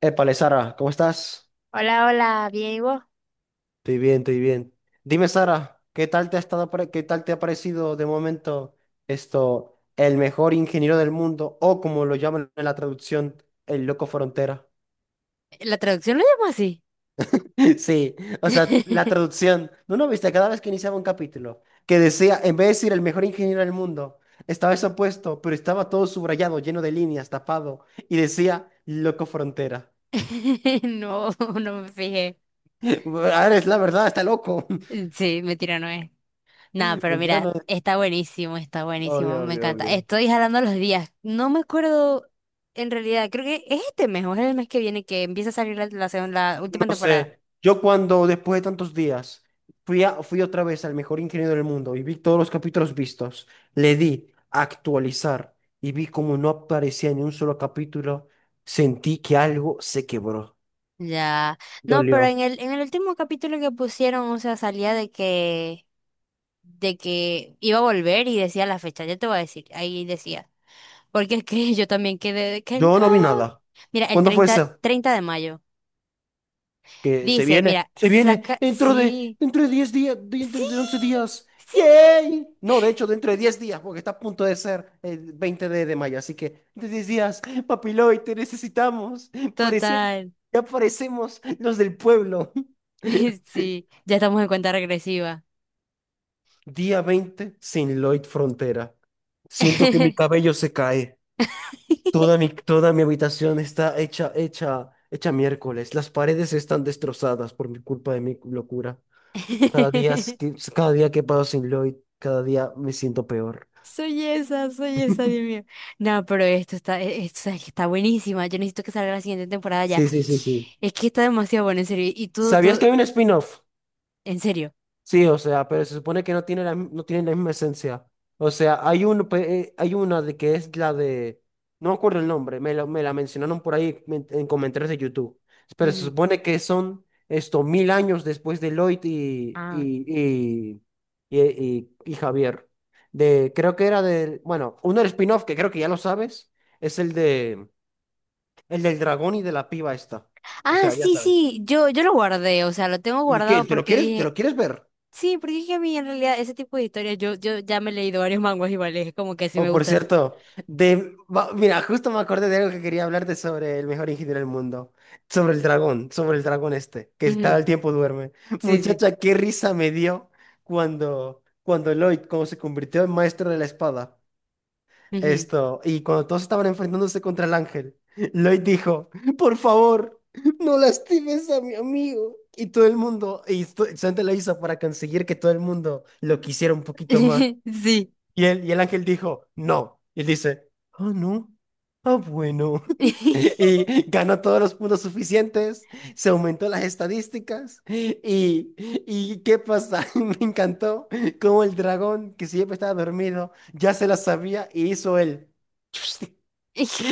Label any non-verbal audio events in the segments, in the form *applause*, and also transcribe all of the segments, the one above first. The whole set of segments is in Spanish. Épale, Sara, ¿cómo estás? Hola, hola, bien, ¿y vos? Estoy bien, estoy bien. Dime, Sara, ¿Qué tal te ha parecido de momento esto, el mejor ingeniero del mundo, o como lo llaman en la traducción, el loco frontera? ¿La traducción lo llamo así? *laughs* Sí, o sea, la traducción. ¿No lo viste? Cada vez que iniciaba un capítulo, que decía, en vez de decir el mejor ingeniero del mundo, estaba eso puesto, pero estaba todo subrayado, lleno de líneas, tapado, y decía, loco frontera. *laughs* No, no me fijé. *laughs* Ahora es la verdad, está loco. *laughs* Mm, sí, mentira, no es. Nada, pero Mentira mira, no es. Está buenísimo, Obvio, me obvio, encanta. obvio. Estoy jalando los días. No me acuerdo, en realidad, creo que es este mes o es el mes que viene que empieza a salir la última No temporada. sé, yo cuando después de tantos días fui otra vez al mejor ingeniero del mundo y vi todos los capítulos vistos, le di a actualizar y vi como no aparecía ni un solo capítulo, sentí que algo se quebró. Ya. No, pero Dolió. en el último capítulo que pusieron, o sea, salía de que iba a volver y decía la fecha, ya te voy a decir, ahí decía. Porque *laughs* es que yo también quedé de que no. Yo no vi nada. Mira, el ¿Cuándo fue treinta eso? treinta de mayo. que se Dice, viene, mira, se viene saca. dentro de Sí, dentro de 10 días, sí, dentro de 11 días. sí. ¡Yay! No, de hecho, dentro de 10 días, porque está a punto de ser el 20 de mayo. Así que, dentro de 10 días, Papiloy, te necesitamos. Parece, Total. ya parecemos los del pueblo. *laughs* *laughs* Sí, ya estamos en cuenta regresiva. Día 20 sin Lloyd Frontera. Siento que mi *laughs* cabello se cae. Toda mi habitación está hecha, hecha, hecha miércoles. Las paredes están destrozadas por mi culpa de mi locura. Cada día que paso sin Lloyd, cada día me siento peor. Soy esa, Dios mío. No, pero esto está, esto, sabes que está buenísima. Yo necesito que salga la siguiente temporada ya. Sí, sí, sí, sí. Es que está demasiado bueno, en serio. Y tú, ¿Sabías que hay un spin-off? en serio. Sí, o sea, pero se supone que no tiene la misma esencia. O sea, hay uno, hay una de que es la de, no me acuerdo el nombre, me la mencionaron por ahí en comentarios de YouTube. Pero se Ujú. supone que son esto mil años después de Lloyd y, Ah. y, y, y, y, y Javier. De, creo que era del, bueno, uno del spin-off que creo que ya lo sabes, es el de el del dragón y de la piba esta. O Ah, sea, ya sí, sabes. sí. Yo lo guardé, o sea, lo tengo guardado ¿Te lo porque quieres, te dije, lo quieres ver? sí, porque es que a mí en realidad ese tipo de historias, yo ya me he leído varios manguas iguales, es como que sí me O por gusta ese. cierto, mira, justo me acordé de algo que quería hablarte sobre el mejor ingeniero del mundo. Sobre el dragón este, que cada el Ujú, tiempo duerme. sí, sí. Muchacha, qué risa me dio cuando Lloyd, como se convirtió en maestro de la espada. Ujú. Esto, y cuando todos estaban enfrentándose contra el ángel, Lloyd dijo, por favor, no lastimes a mi amigo. Y todo el mundo, Santa lo hizo para conseguir que todo el mundo lo quisiera un poquito más. *laughs* Sí. Y el ángel dijo, no. Y él dice, ah, no, ah, bueno *laughs* y ganó todos los puntos suficientes, se aumentó las estadísticas y ¿qué pasa? *laughs* Me encantó cómo el dragón que siempre estaba dormido ya se la sabía y hizo él. *laughs*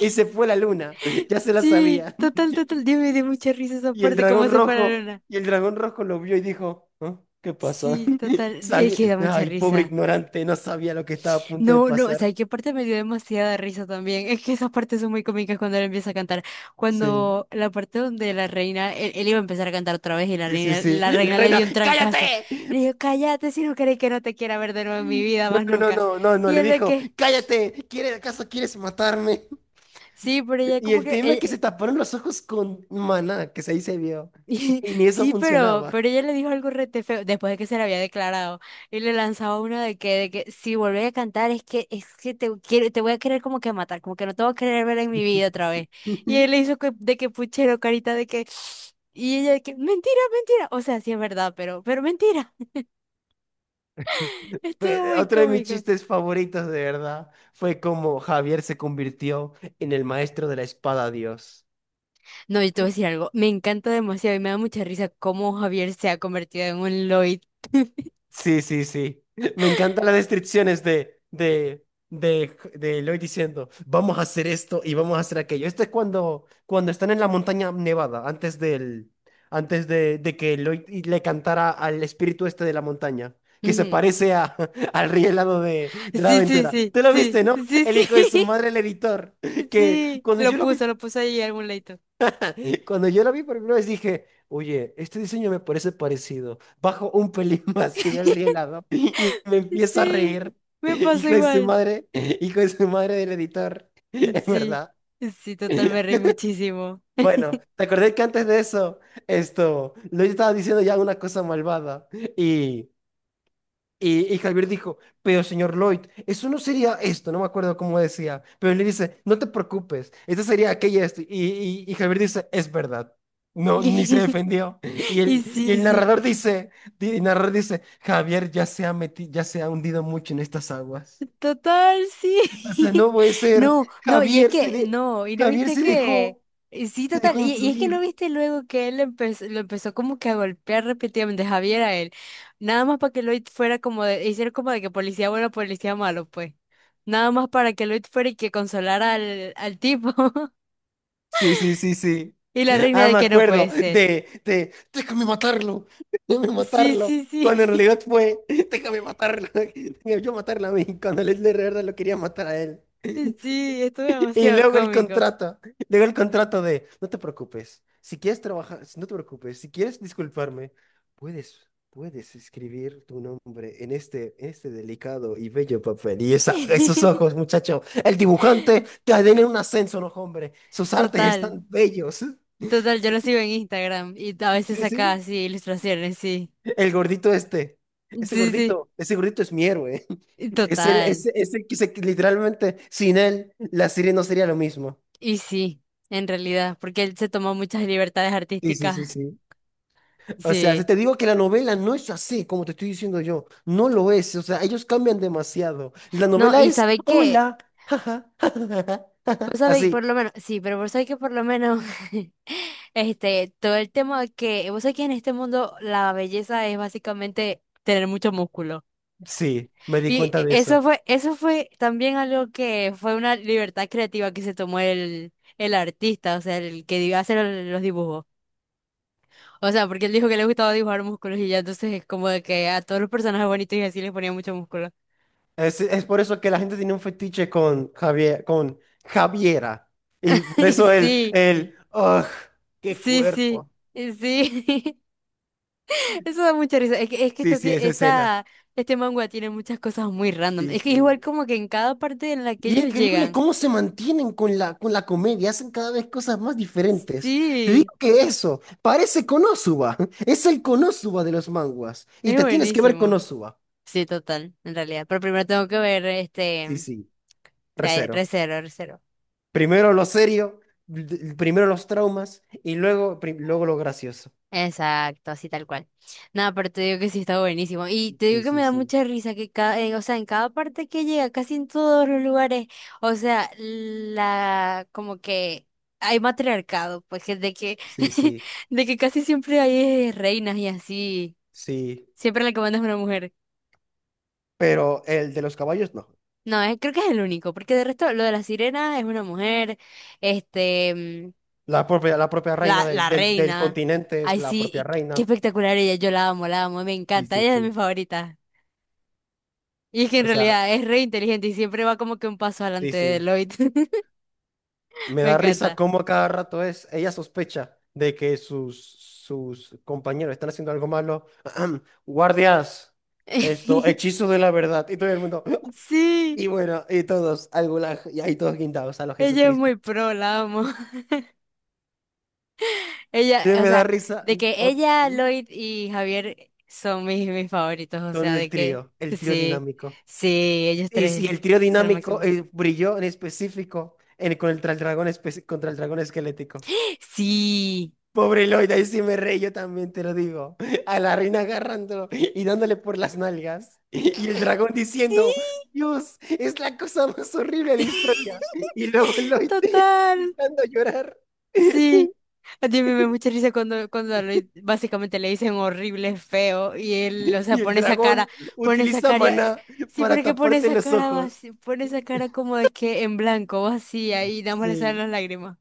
Y se fue la luna, ya se la Sí, sabía. total, total. Dios me dio mucha risa esa Y el parte, cómo dragón se rojo, pararon. Y el dragón rojo lo vio y dijo, "¿Ah? ¿Qué pasó? Sí, *laughs* total. Es que da mucha Ay, pobre risa. ignorante, no sabía lo que estaba a punto de No, no, o pasar. sea, qué parte me dio demasiada risa también. Es que esas partes son muy cómicas cuando él empieza a cantar. Sí, Cuando la parte donde la reina, él iba a empezar a cantar otra vez y sí, sí, sí. la Y la reina le dio reina, un trancazo. ¡cállate! Y le dijo, cállate si no querés que no te quiera ver de nuevo en mi vida No, más no, nunca. no, no, no, Y le él de dijo, que, cállate, ¿Acaso quieres matarme? sí, pero ella Y como el que, tema es que se taparon los ojos con maná, que ahí se vio. Y *laughs* ni eso sí, pero, funcionaba. pero ella le dijo algo rete feo después de que se le había declarado y le lanzaba una de que si volvés a cantar es que te quiero, te voy a querer como que matar, como que no te voy a querer ver en mi vida otra vez. Y él le *laughs* hizo de que puchero, carita de que, *sniffs* y ella de que, mentira, mentira. O sea, sí es verdad, pero mentira. *laughs* Estuvo muy Otro de mis cómico. chistes favoritos, de verdad, fue como Javier se convirtió en el maestro de la espada Dios. No, yo te voy a decir algo, me encanta demasiado y me da mucha risa cómo Javier se ha convertido en un Lloyd. *laughs* Sí, sí, sí. *laughs* Me encantan las descripciones de Eloy diciendo, vamos a hacer esto y vamos a hacer aquello. Esto es cuando están en la montaña nevada, antes de que le cantara al espíritu este de la montaña, que se Ujú. parece a, *laughs* al rey helado de la Sí, sí, aventura. sí, ¿Te lo sí, viste, no? sí, El hijo de su sí. madre, *laughs* el editor, que Sí, lo puso, lo puso ahí en algún leito. cuando yo la vi por primera vez dije, oye, este diseño me parece parecido. Bajo un pelín *laughs* más y veo el *laughs* rielado y me empiezo a Sí, reír. me pasó Hijo de su igual. madre, hijo de su madre del editor, *laughs* es Sí, verdad. sí, total, me reí muchísimo. Bueno, te acordé que antes de eso, esto, lo estaba diciendo ya una cosa malvada y y Javier dijo, pero señor Lloyd, eso no sería esto, no me acuerdo cómo decía, pero él le dice, no te preocupes, esto sería aquello esto. Y Javier dice, es verdad. No, ni se *laughs* defendió. Y Y, el, y sí, el sí. narrador dice, Javier ya se ha hundido mucho en estas aguas. Total, O sea, sí. no puede *laughs* ser. No, no, y es que, no, y no Javier viste se que. dejó, Y sí, se total. dejó Y es que no influir. viste luego que él empezó, lo empezó como que a golpear repetidamente Javier a él. Nada más para que Lloyd fuera como de, hiciera como de que policía bueno, policía malo, pues. Nada más para que Lloyd fuera y que consolara al, al tipo. *laughs* Sí, sí, sí, sí. Y la reina Ah, de me que no puede acuerdo ser. de, déjame matarlo, déjame Sí, matarlo. sí, Cuando en sí. *laughs* realidad fue, déjame matarlo, *laughs* déjame yo matarlo a mí, cuando Leslie de verdad lo quería matar a él. Sí, estuvo Y demasiado luego el cómico. contrato, luego el contrato de, no te preocupes, si quieres trabajar, si no te preocupes, si quieres disculparme, puedes, puedes escribir tu nombre en este delicado y bello papel. Esos *laughs* ojos, muchacho, el dibujante te den un ascenso, no, hombre, sus artes Total, están bellos. *laughs* total, yo lo sigo en Instagram y a veces Sí, saca sí. así ilustraciones, sí. El gordito este. Sí, sí, Ese gordito es mi héroe. *laughs* y Es el, total. ese que se- que literalmente sin él la serie no sería lo mismo. Y sí, en realidad, porque él se tomó muchas libertades Sí, sí, sí, artísticas. sí. O sea, si Sí. te digo que la novela no es así, como te estoy diciendo yo, no lo es. O sea, ellos cambian demasiado. La No, novela y es, sabe que, hola, jaja, jajaja, jaja". vos sabéis, por Así. lo menos, sí, pero vos sabéis que por lo menos, *laughs* este, todo el tema que, vos sabés que en este mundo la belleza es básicamente tener mucho músculo. Sí, me di Y cuenta de eso. Eso fue también algo que fue una libertad creativa que se tomó el artista, o sea, el que iba a hacer los dibujos. O sea, porque él dijo que le gustaba dibujar músculos y ya entonces es como de que a todos los personajes bonitos y así les ponía mucho músculo. Es por eso que la gente tiene un fetiche con Javiera. Y *laughs* por Y eso sí, qué sí, sí, cuerpo. y sí. *laughs* Eso da mucha risa. es que, Sí, esto, sí, esa escena. este manga tiene muchas cosas muy random. Sí, Es que igual sí. como que en cada parte en la que Y es ellos increíble llegan. cómo se mantienen con la, comedia, hacen cada vez cosas más diferentes. Te Sí, digo que eso, parece Konosuba, *laughs* es el Konosuba de los manguas. Y es te tienes que ver buenísimo. Konosuba. Sí, total, en realidad. Pero primero tengo que ver, este, Sí, o sí, sea, recero. recero, recero. Primero lo serio, primero los traumas y luego, luego lo gracioso. Exacto, así tal cual. Nada, pero te digo que sí está buenísimo. Y te digo Sí, que me sí, da sí. mucha risa que cada, o sea, en cada parte que llega, casi en todos los lugares, o sea, la, como que hay matriarcado, pues que de que, Sí, *laughs* sí, de que casi siempre hay reinas y así. sí. Siempre la que manda es una mujer. Pero el de los caballos no. No, creo que es el único, porque de resto lo de la sirena es una mujer, este. La propia reina La, del, la del, del reina. continente es Ay, la sí, y propia qué reina. espectacular ella. Yo la amo, me Sí, encanta. sí, Ella es de mis sí. favoritas. Y es que en O sea. realidad es re inteligente y siempre va como que un paso Sí, adelante de sí. Lloyd. *laughs* Me Me da risa encanta. cómo a cada rato es. Ella sospecha de que sus compañeros están haciendo algo malo. *clears throat* Guardias, esto, *laughs* hechizo de la verdad. Y todo el mundo. *laughs* *clears throat* Sí, Y bueno, y todos, al gulag, y ahí todos guindados a lo ella es Jesucristo. muy pro, la amo. *laughs* Ella, Sí, o me da sea, risa. de que o- ella, Lloyd y Javier son mis favoritos. O Con sea, el de que trío, el trío sí, dinámico. sí, ellos Y si tres el trío son lo dinámico máximo. Brilló en específico en, con el, tra- el dragón espe- contra el dragón esquelético. Sí, Pobre Lloyd, ahí sí me reí, yo también te lo digo. A la reina agarrándolo y dándole por las nalgas. Y el dragón sí. diciendo, Dios, es la cosa más horrible de la historia. *laughs* Y luego Lloyd *laughs* Total. empezando a llorar. Sí, a mí me da mucha risa cuando, básicamente le dicen horrible, feo, y él, o sea, Y el dragón pone esa utiliza cara, maná sí, para pero que pone taparse esa los cara ojos. vacía, pone esa cara como de que en blanco, vacía, y nada más le salen Sí, las lágrimas.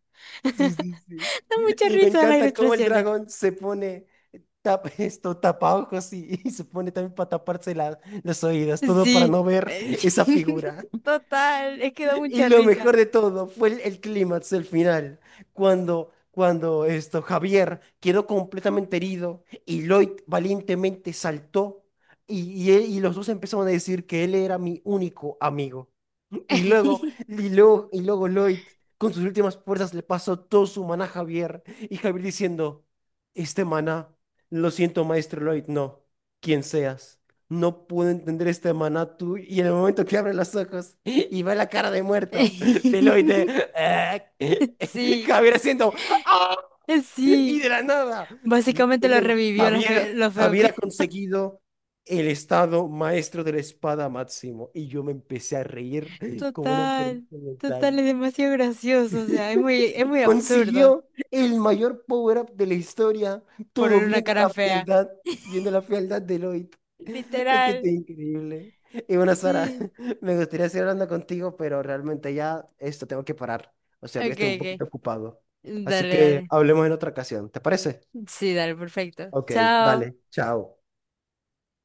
sí, sí, sí. *laughs* Da mucha Y me risa las encanta cómo el ilustraciones. dragón se pone tapa ojos y se pone también para taparse los oídos, todo para Sí, no ver eh, esa figura. *laughs* total, es que da Y mucha lo risa. mejor de todo fue el clímax el final, cuando esto, Javier quedó completamente herido y Lloyd valientemente saltó y los dos empezaron a decir que él era mi único amigo. Y luego, *laughs* y luego Lloyd, con sus últimas fuerzas, le pasó todo su maná a Javier. Y Javier diciendo, este maná, lo siento, maestro Lloyd, no, quien seas. No puedo entender este maná tú. Y en el momento que abre los ojos y ve la cara de muerto de Lloyd, de, "Ah". *laughs* Sí, Javier haciendo, "Ah". *laughs* Y sí, de la nada. básicamente Y lo luego, revivió Javier, lo feo Javier que ha conseguido el estado maestro de la espada máximo. Y yo me empecé a reír como una enfermedad total, total, mental. es demasiado gracioso, o sea, es muy absurdo Consiguió el mayor power-up de la historia, todo poner una cara fea. Viendo la fealdad de Lloyd. Es que Literal, esto es increíble. Y bueno, Sara, sí. *laughs* me gustaría seguir hablando contigo, pero realmente ya esto tengo que parar. O sea, voy a Ok, estar un ok. poquito ocupado. Así Dale, que dale. hablemos en otra ocasión. ¿Te parece? Sí, dale, perfecto. Ok, Chao. vale, chao.